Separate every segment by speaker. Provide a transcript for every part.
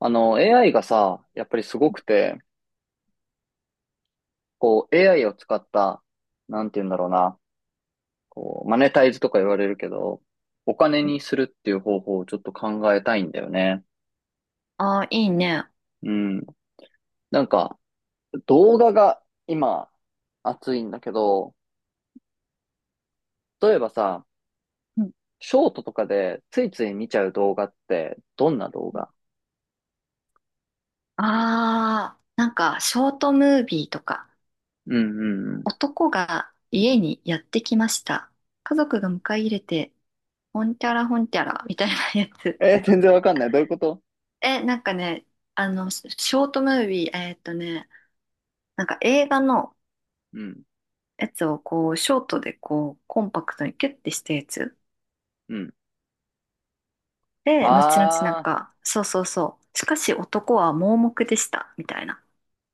Speaker 1: AI がさ、やっぱりすごくて、AI を使った、なんて言うんだろうな、マネタイズとか言われるけど、お金にするっていう方法をちょっと考えたいんだよね。
Speaker 2: ああ、いいね。
Speaker 1: うん。なんか、動画が今、熱いんだけど、例えばさ、
Speaker 2: うん。
Speaker 1: ショートとかでついつい見ちゃう動画って、どんな動画？
Speaker 2: ああ、なんか、ショートムービーとか、
Speaker 1: うんうんうん。
Speaker 2: 男が家にやってきました。家族が迎え入れて、ほんてゃらほんてゃら、みたいな やつ。
Speaker 1: 全然わかんない。どういうこと？
Speaker 2: え、なんかね、ショートムービー、なんか映画の
Speaker 1: うん。
Speaker 2: やつをこう、ショートでこう、コンパクトにキュッてしたやつ。
Speaker 1: うん。
Speaker 2: で、後々なん
Speaker 1: あ、
Speaker 2: か、そうそうそう。しかし男は盲目でした、みたいな。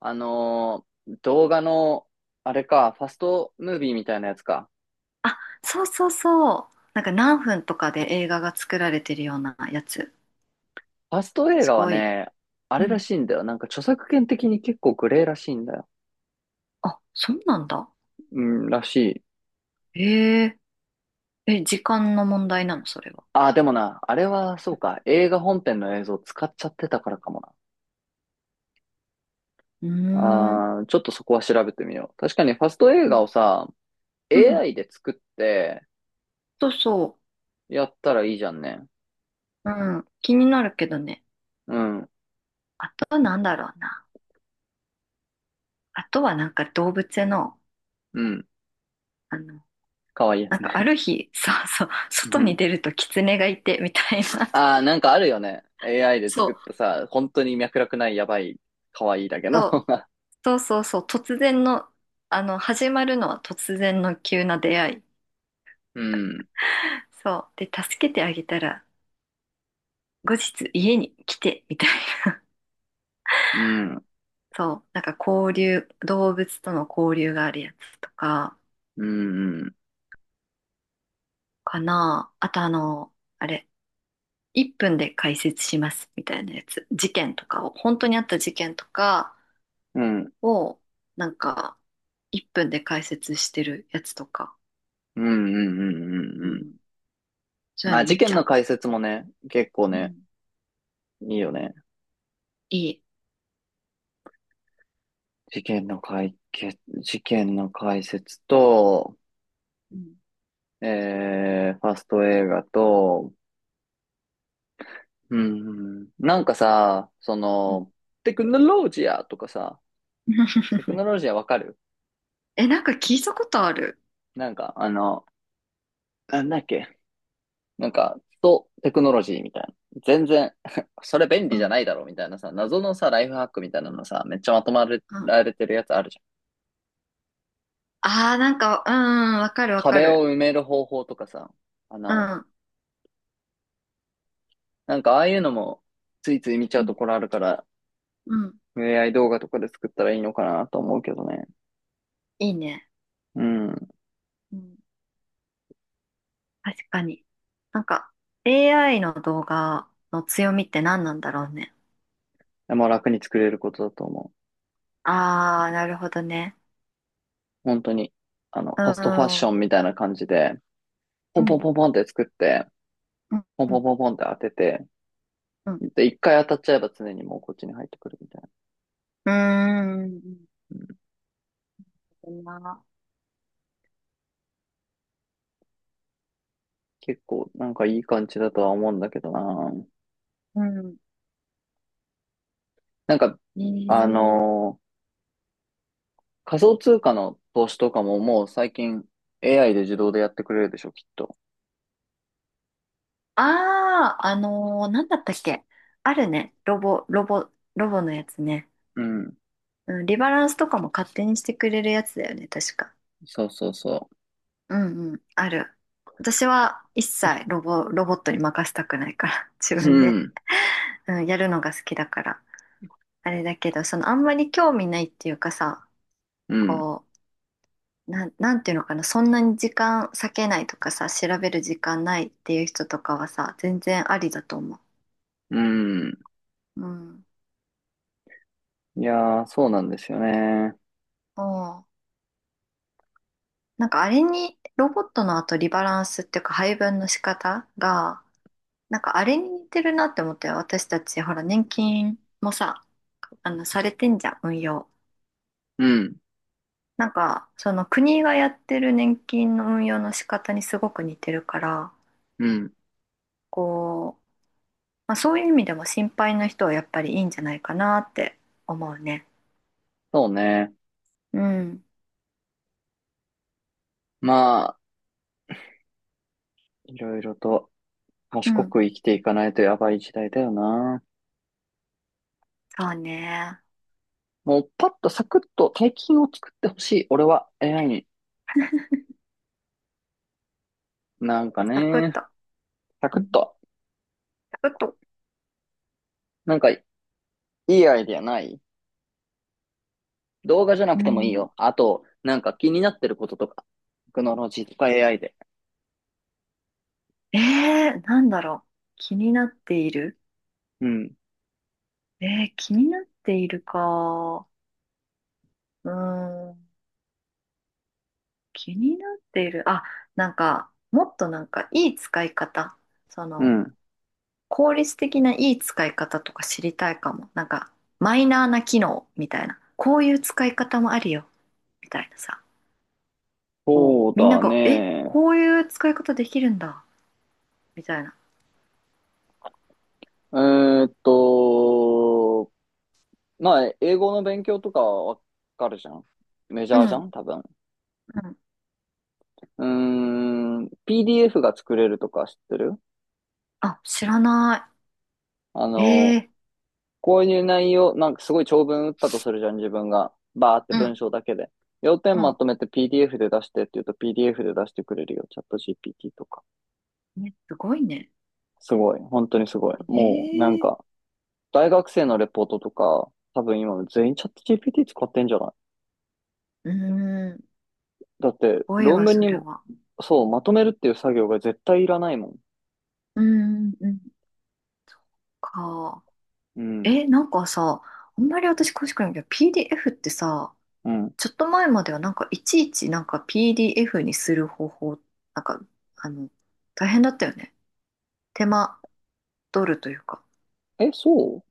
Speaker 1: あのー動画の、あれか、ファストムービーみたいなやつか。
Speaker 2: あ、そうそうそう。なんか何分とかで映画が作られてるようなやつ。
Speaker 1: ファスト映
Speaker 2: す
Speaker 1: 画は
Speaker 2: ごい。
Speaker 1: ね、あ
Speaker 2: う
Speaker 1: れら
Speaker 2: ん。
Speaker 1: しいんだよ。なんか著作権的に結構グレーらしいんだよ。
Speaker 2: あ、そうなんだ。
Speaker 1: うん、らしい。
Speaker 2: へえ。え、時間の問題なの、それは。
Speaker 1: あー、でもな、あれはそうか、映画本編の映像使っちゃってたからかもな。
Speaker 2: うーん。
Speaker 1: あー、ちょっとそこは調べてみよう。確かにファスト映
Speaker 2: う
Speaker 1: 画
Speaker 2: ん。
Speaker 1: をさ、
Speaker 2: うん。
Speaker 1: AI で作って
Speaker 2: そうそ
Speaker 1: やったらいいじゃんね。
Speaker 2: う。うん。気になるけどね。
Speaker 1: うん、
Speaker 2: あとなんだろうな。あとはなんか動物園の、
Speaker 1: うん、
Speaker 2: あの、
Speaker 1: かわいいや
Speaker 2: なん
Speaker 1: つ
Speaker 2: かあ
Speaker 1: ね。
Speaker 2: る日、そうそう、
Speaker 1: う
Speaker 2: 外に
Speaker 1: ん、
Speaker 2: 出ると狐がいて、みたいな。
Speaker 1: ああ、なんかあるよね。AI で
Speaker 2: そ
Speaker 1: 作っ
Speaker 2: う、
Speaker 1: たさ、本当に脈絡ないやばい、可愛いだけの。
Speaker 2: そう、そうそうそう、突然の、始まるのは突然の急な出会い。
Speaker 1: うん、
Speaker 2: そう。で、助けてあげたら、後日家に来て、みたいな。
Speaker 1: うん、
Speaker 2: そう。なんか交流、動物との交流があるやつとか、
Speaker 1: うん、うん、
Speaker 2: かな。あと、あの、あれ、1分で解説します、みたいなやつ。事件とかを、本当にあった事件とか
Speaker 1: うん、うん、
Speaker 2: を、なんか、1分で解説してるやつとか。
Speaker 1: うん、う
Speaker 2: う
Speaker 1: ん、
Speaker 2: ん。そ
Speaker 1: う
Speaker 2: う
Speaker 1: ん。
Speaker 2: いう
Speaker 1: あ、
Speaker 2: の
Speaker 1: 事
Speaker 2: 見ち
Speaker 1: 件の
Speaker 2: ゃ
Speaker 1: 解説もね、結構
Speaker 2: う。う
Speaker 1: ね、
Speaker 2: ん。
Speaker 1: いいよね。
Speaker 2: いい。
Speaker 1: 事件の解決、事件の解説と、
Speaker 2: うん。
Speaker 1: ファスト映画と、うん、なんかさ、そ
Speaker 2: うん。
Speaker 1: の、テクノロジアとかさ、テクノロジアわかる？
Speaker 2: え、なんか聞いたことある。
Speaker 1: なんか、あの、なんだっけなんか、とテクノロジーみたいな。全然 それ便
Speaker 2: う
Speaker 1: 利じゃ
Speaker 2: ん。
Speaker 1: ないだろうみたいなさ、謎のさ、ライフハックみたいなのさ、めっちゃまとま
Speaker 2: うん。
Speaker 1: られてるやつあるじゃ
Speaker 2: ああ、なんか、うん、わか
Speaker 1: ん。
Speaker 2: るわか
Speaker 1: 壁を
Speaker 2: る。
Speaker 1: 埋める方法とかさ、穴
Speaker 2: う
Speaker 1: を。
Speaker 2: ん
Speaker 1: ああいうのも、ついつい見ちゃ
Speaker 2: う
Speaker 1: うと
Speaker 2: ん。
Speaker 1: ころあるから、
Speaker 2: うん。
Speaker 1: AI 動画とかで作ったらいいのかなと思うけどね。
Speaker 2: いいね。
Speaker 1: うん。
Speaker 2: うん。確かに。なんか、AI の動画の強みって何なんだろうね。
Speaker 1: でも楽に作れることだと思
Speaker 2: あー、なるほどね。
Speaker 1: う。本当に。あの、
Speaker 2: う
Speaker 1: ファストファッション
Speaker 2: ん。
Speaker 1: みたいな感じで、ポ
Speaker 2: う
Speaker 1: ンポン
Speaker 2: ん。
Speaker 1: ポンポンって作って、
Speaker 2: うん。
Speaker 1: ポン
Speaker 2: う
Speaker 1: ポ
Speaker 2: ん。
Speaker 1: ンポンポンって当てて、
Speaker 2: うん。
Speaker 1: で、一回当たっちゃえば常にもうこっちに入ってくるみたいな。
Speaker 2: うーん。
Speaker 1: うん、
Speaker 2: そんな。
Speaker 1: 結構なんかいい感じだとは思うんだけどな。
Speaker 2: うん。
Speaker 1: なんか、
Speaker 2: ね
Speaker 1: あ
Speaker 2: え。
Speaker 1: のー仮想通貨の投資とかももう最近 AI で自動でやってくれるでしょ、きっと。
Speaker 2: あー、なんだったっけ。あるね。ロボのやつね。
Speaker 1: うん。
Speaker 2: うん。リバランスとかも勝手にしてくれるやつだよね。確か。
Speaker 1: そうそうそ
Speaker 2: うんうん、ある。私は一切ロボットに任せたくないから、自
Speaker 1: う。う
Speaker 2: 分で、
Speaker 1: ん。
Speaker 2: うん、やるのが好きだから。あれだけど、あんまり興味ないっていうかさ、
Speaker 1: うん。
Speaker 2: こう、なんていうのかな、そんなに時間割けないとかさ、調べる時間ないっていう人とかはさ、全然ありだと思
Speaker 1: うん。
Speaker 2: う。うん。
Speaker 1: いやー、そうなんですよね。
Speaker 2: おう。なんかあれに、ロボットの後リバランスっていうか配分の仕方が、なんかあれに似てるなって思って、私たちほら、年金もさ、されてんじゃん、運用。
Speaker 1: うん。
Speaker 2: なんかその国がやってる年金の運用の仕方にすごく似てるから、
Speaker 1: うん。
Speaker 2: こう、まあ、そういう意味でも心配な人はやっぱりいいんじゃないかなって思うね。
Speaker 1: そうね。
Speaker 2: うん。
Speaker 1: まあ、いろいろと
Speaker 2: う
Speaker 1: 賢
Speaker 2: ん。
Speaker 1: く生きていかないとやばい時代だよな。
Speaker 2: そうね。
Speaker 1: もうパッとサクッと大金を作ってほしい。俺は AI に。なんか
Speaker 2: サクッ
Speaker 1: ね、
Speaker 2: と、
Speaker 1: サク
Speaker 2: う
Speaker 1: ッ
Speaker 2: ん、
Speaker 1: と。
Speaker 2: サクッと、
Speaker 1: なんかいいアイディアない？動画じゃな
Speaker 2: う
Speaker 1: くてもいい
Speaker 2: ん、
Speaker 1: よ。あと、なんか気になってることとか。テクノロジーとか AI で。
Speaker 2: えなんだろう。気になっている。
Speaker 1: うん。
Speaker 2: 気になっているか。うーん。気になっている。あ、なんか、もっとなんか、いい使い方。そ
Speaker 1: う
Speaker 2: の、
Speaker 1: ん。
Speaker 2: 効率的ないい使い方とか知りたいかも。なんか、マイナーな機能みたいな。こういう使い方もあるよ。みたいなさ。こう、
Speaker 1: そう
Speaker 2: みんな
Speaker 1: だ
Speaker 2: が、え、
Speaker 1: ね。
Speaker 2: こういう使い方できるんだ。みたいな。
Speaker 1: えーっと、まあ、英語の勉強とかわかるじゃん。メジ
Speaker 2: う
Speaker 1: ャーじゃ
Speaker 2: ん、
Speaker 1: ん多分。
Speaker 2: うん。
Speaker 1: うーん。PDF が作れるとか知ってる？
Speaker 2: あ、知らな
Speaker 1: あ
Speaker 2: い。
Speaker 1: の、
Speaker 2: ええ。
Speaker 1: こういう内容、なんかすごい長文打ったとするじゃん、自分が。バーって
Speaker 2: う
Speaker 1: 文
Speaker 2: ん、
Speaker 1: 章だけで。要点
Speaker 2: う
Speaker 1: ま
Speaker 2: ん。
Speaker 1: とめて PDF で出してって言うと PDF で出してくれるよ。チャット GPT とか。
Speaker 2: ね、すごいね。
Speaker 1: すごい。本当にすごい。もう、なん
Speaker 2: ええ。
Speaker 1: か、大学生のレポートとか、多分今全員チャット GPT 使ってんじゃない？
Speaker 2: うーん。す
Speaker 1: だって、
Speaker 2: ごい
Speaker 1: 論
Speaker 2: わ、
Speaker 1: 文
Speaker 2: そ
Speaker 1: に
Speaker 2: れ
Speaker 1: も、
Speaker 2: は。
Speaker 1: そう、まとめるっていう作業が絶対いらないもん。
Speaker 2: うーん、うん。か。
Speaker 1: うん。
Speaker 2: え、なんかさ、あんまり私詳しくないけど、PDF ってさ、
Speaker 1: うん。
Speaker 2: ちょっと前まではなんかいちいちなんか PDF にする方法、なんか、あの、大変だったよね。手間取るというか。
Speaker 1: え、そ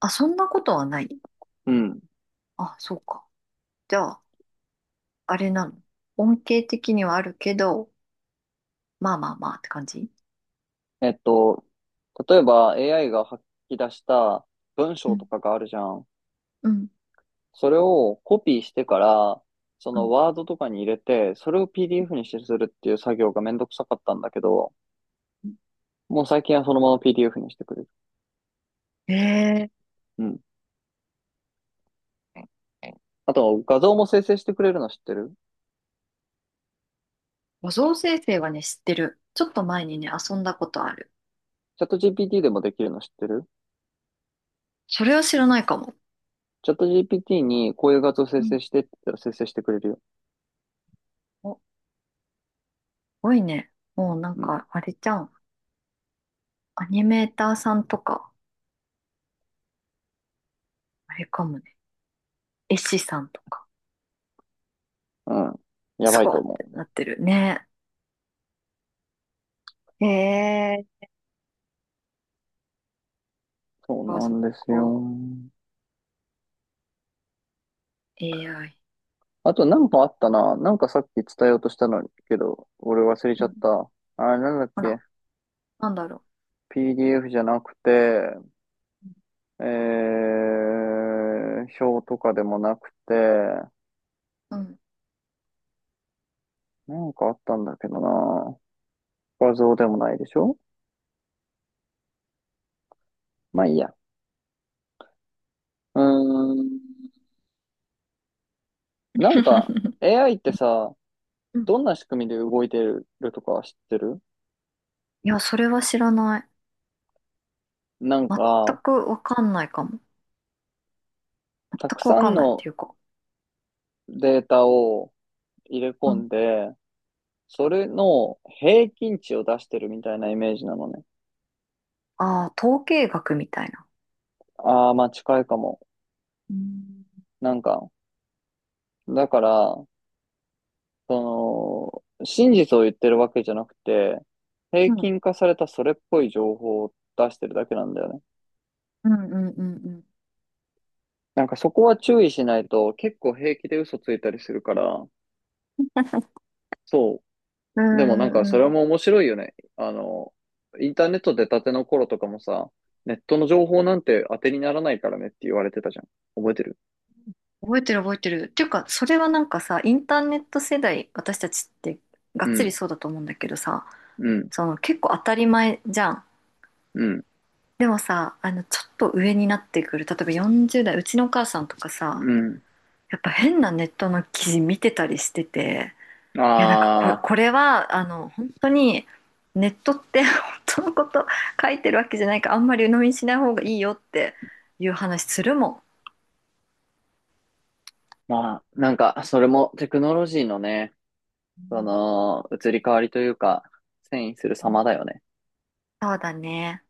Speaker 2: あ、そんなことはない。
Speaker 1: う？うん。
Speaker 2: あ、そうか。じゃあ、あれなの。恩恵的にはあるけど、まあまあまあって感じ。
Speaker 1: えっと、例えば AI が吐き出した文
Speaker 2: う
Speaker 1: 章と
Speaker 2: ん、
Speaker 1: かがあるじゃん。
Speaker 2: うん、
Speaker 1: それをコピーしてから、そ
Speaker 2: う
Speaker 1: の
Speaker 2: ん。
Speaker 1: ワードとかに入れて、それを PDF にしてするっていう作業がめんどくさかったんだけど、
Speaker 2: うん。
Speaker 1: もう最近はそのまま PDF にしてくれる。
Speaker 2: えー、
Speaker 1: うん。あと、画像も生成してくれるの知ってる？
Speaker 2: 画像生成はね、知ってる。ちょっと前にね、遊んだことある。
Speaker 1: チャット GPT でもできるの知ってる？
Speaker 2: それは知らないかも。
Speaker 1: チャット GPT にこういう画像生
Speaker 2: うん。
Speaker 1: 成してって言ったら生成してくれるよ。
Speaker 2: おごいね。もうなん
Speaker 1: うん。
Speaker 2: か、あれじゃん。アニメーターさんとか、あれかもね。絵師さんとか、
Speaker 1: うん。や
Speaker 2: す
Speaker 1: ばい
Speaker 2: ご
Speaker 1: と
Speaker 2: いっ
Speaker 1: 思
Speaker 2: て
Speaker 1: う。
Speaker 2: なってるね。へえ、
Speaker 1: そう
Speaker 2: あ、
Speaker 1: な
Speaker 2: そっ
Speaker 1: んですよ。
Speaker 2: か。AI。
Speaker 1: あと、なんかあったな。なんかさっき伝えようとしたのにけど、俺忘れち
Speaker 2: う
Speaker 1: ゃ
Speaker 2: ん。
Speaker 1: った。あれ、なんだっ
Speaker 2: ほら、
Speaker 1: け？
Speaker 2: なんだろ
Speaker 1: PDF じゃなくて、表とかでもなくて、
Speaker 2: う。うん。
Speaker 1: なんかあったんだけどな。画像でもないでしょ？まあいいや。うーん。なんか、AI ってさ、
Speaker 2: うん。
Speaker 1: どんな仕組みで動いてるとか知ってる？
Speaker 2: いや、それは知らない。
Speaker 1: なん
Speaker 2: 全
Speaker 1: か、
Speaker 2: くわかんないかも。全
Speaker 1: たく
Speaker 2: くわ
Speaker 1: さ
Speaker 2: か
Speaker 1: ん
Speaker 2: んないって
Speaker 1: の
Speaker 2: いうか。
Speaker 1: データを入れ
Speaker 2: う
Speaker 1: 込
Speaker 2: ん。
Speaker 1: んで、それの平均値を出してるみたいなイメージなのね。
Speaker 2: ああ、統計学みたいな。
Speaker 1: ああ、まあ近いかも。
Speaker 2: うん。
Speaker 1: なんか、だから、その、真実を言ってるわけじゃなくて、平
Speaker 2: うん、
Speaker 1: 均化されたそれっぽい情報を出してるだけなんだよね。
Speaker 2: うん、うん、うん。
Speaker 1: なんかそこは注意しないと結構平気で嘘ついたりするから、そ
Speaker 2: う
Speaker 1: う。でもなんか
Speaker 2: ん、
Speaker 1: そ
Speaker 2: う
Speaker 1: れ
Speaker 2: ん、
Speaker 1: も面白いよね。あの、インターネット出たての頃とかもさ、ネットの情報なんて当てにならないからねって言われてたじゃん。覚えてる？
Speaker 2: 覚えてる覚えてる。っていうか、それはなんかさ、インターネット世代、私たちってが
Speaker 1: う
Speaker 2: っつり
Speaker 1: ん、
Speaker 2: そうだと思うんだけどさ、
Speaker 1: うん、
Speaker 2: その結構当たり前じゃん。
Speaker 1: うん、
Speaker 2: でもさ、ちょっと上になってくる、例えば40代、うちのお母さんとかさ、
Speaker 1: うん。
Speaker 2: やっぱ変なネットの記事見てたりしてて、いや、なんかこれ、
Speaker 1: ああ、
Speaker 2: これは、本当に、ネットって 本当のこと書いてるわけじゃないから、あんまり鵜呑みにしない方がいいよっていう話するもん。
Speaker 1: まあ、なんかそれもテクノロジーのね、その、移り変わりというか、遷移する様だよね。
Speaker 2: そうだね。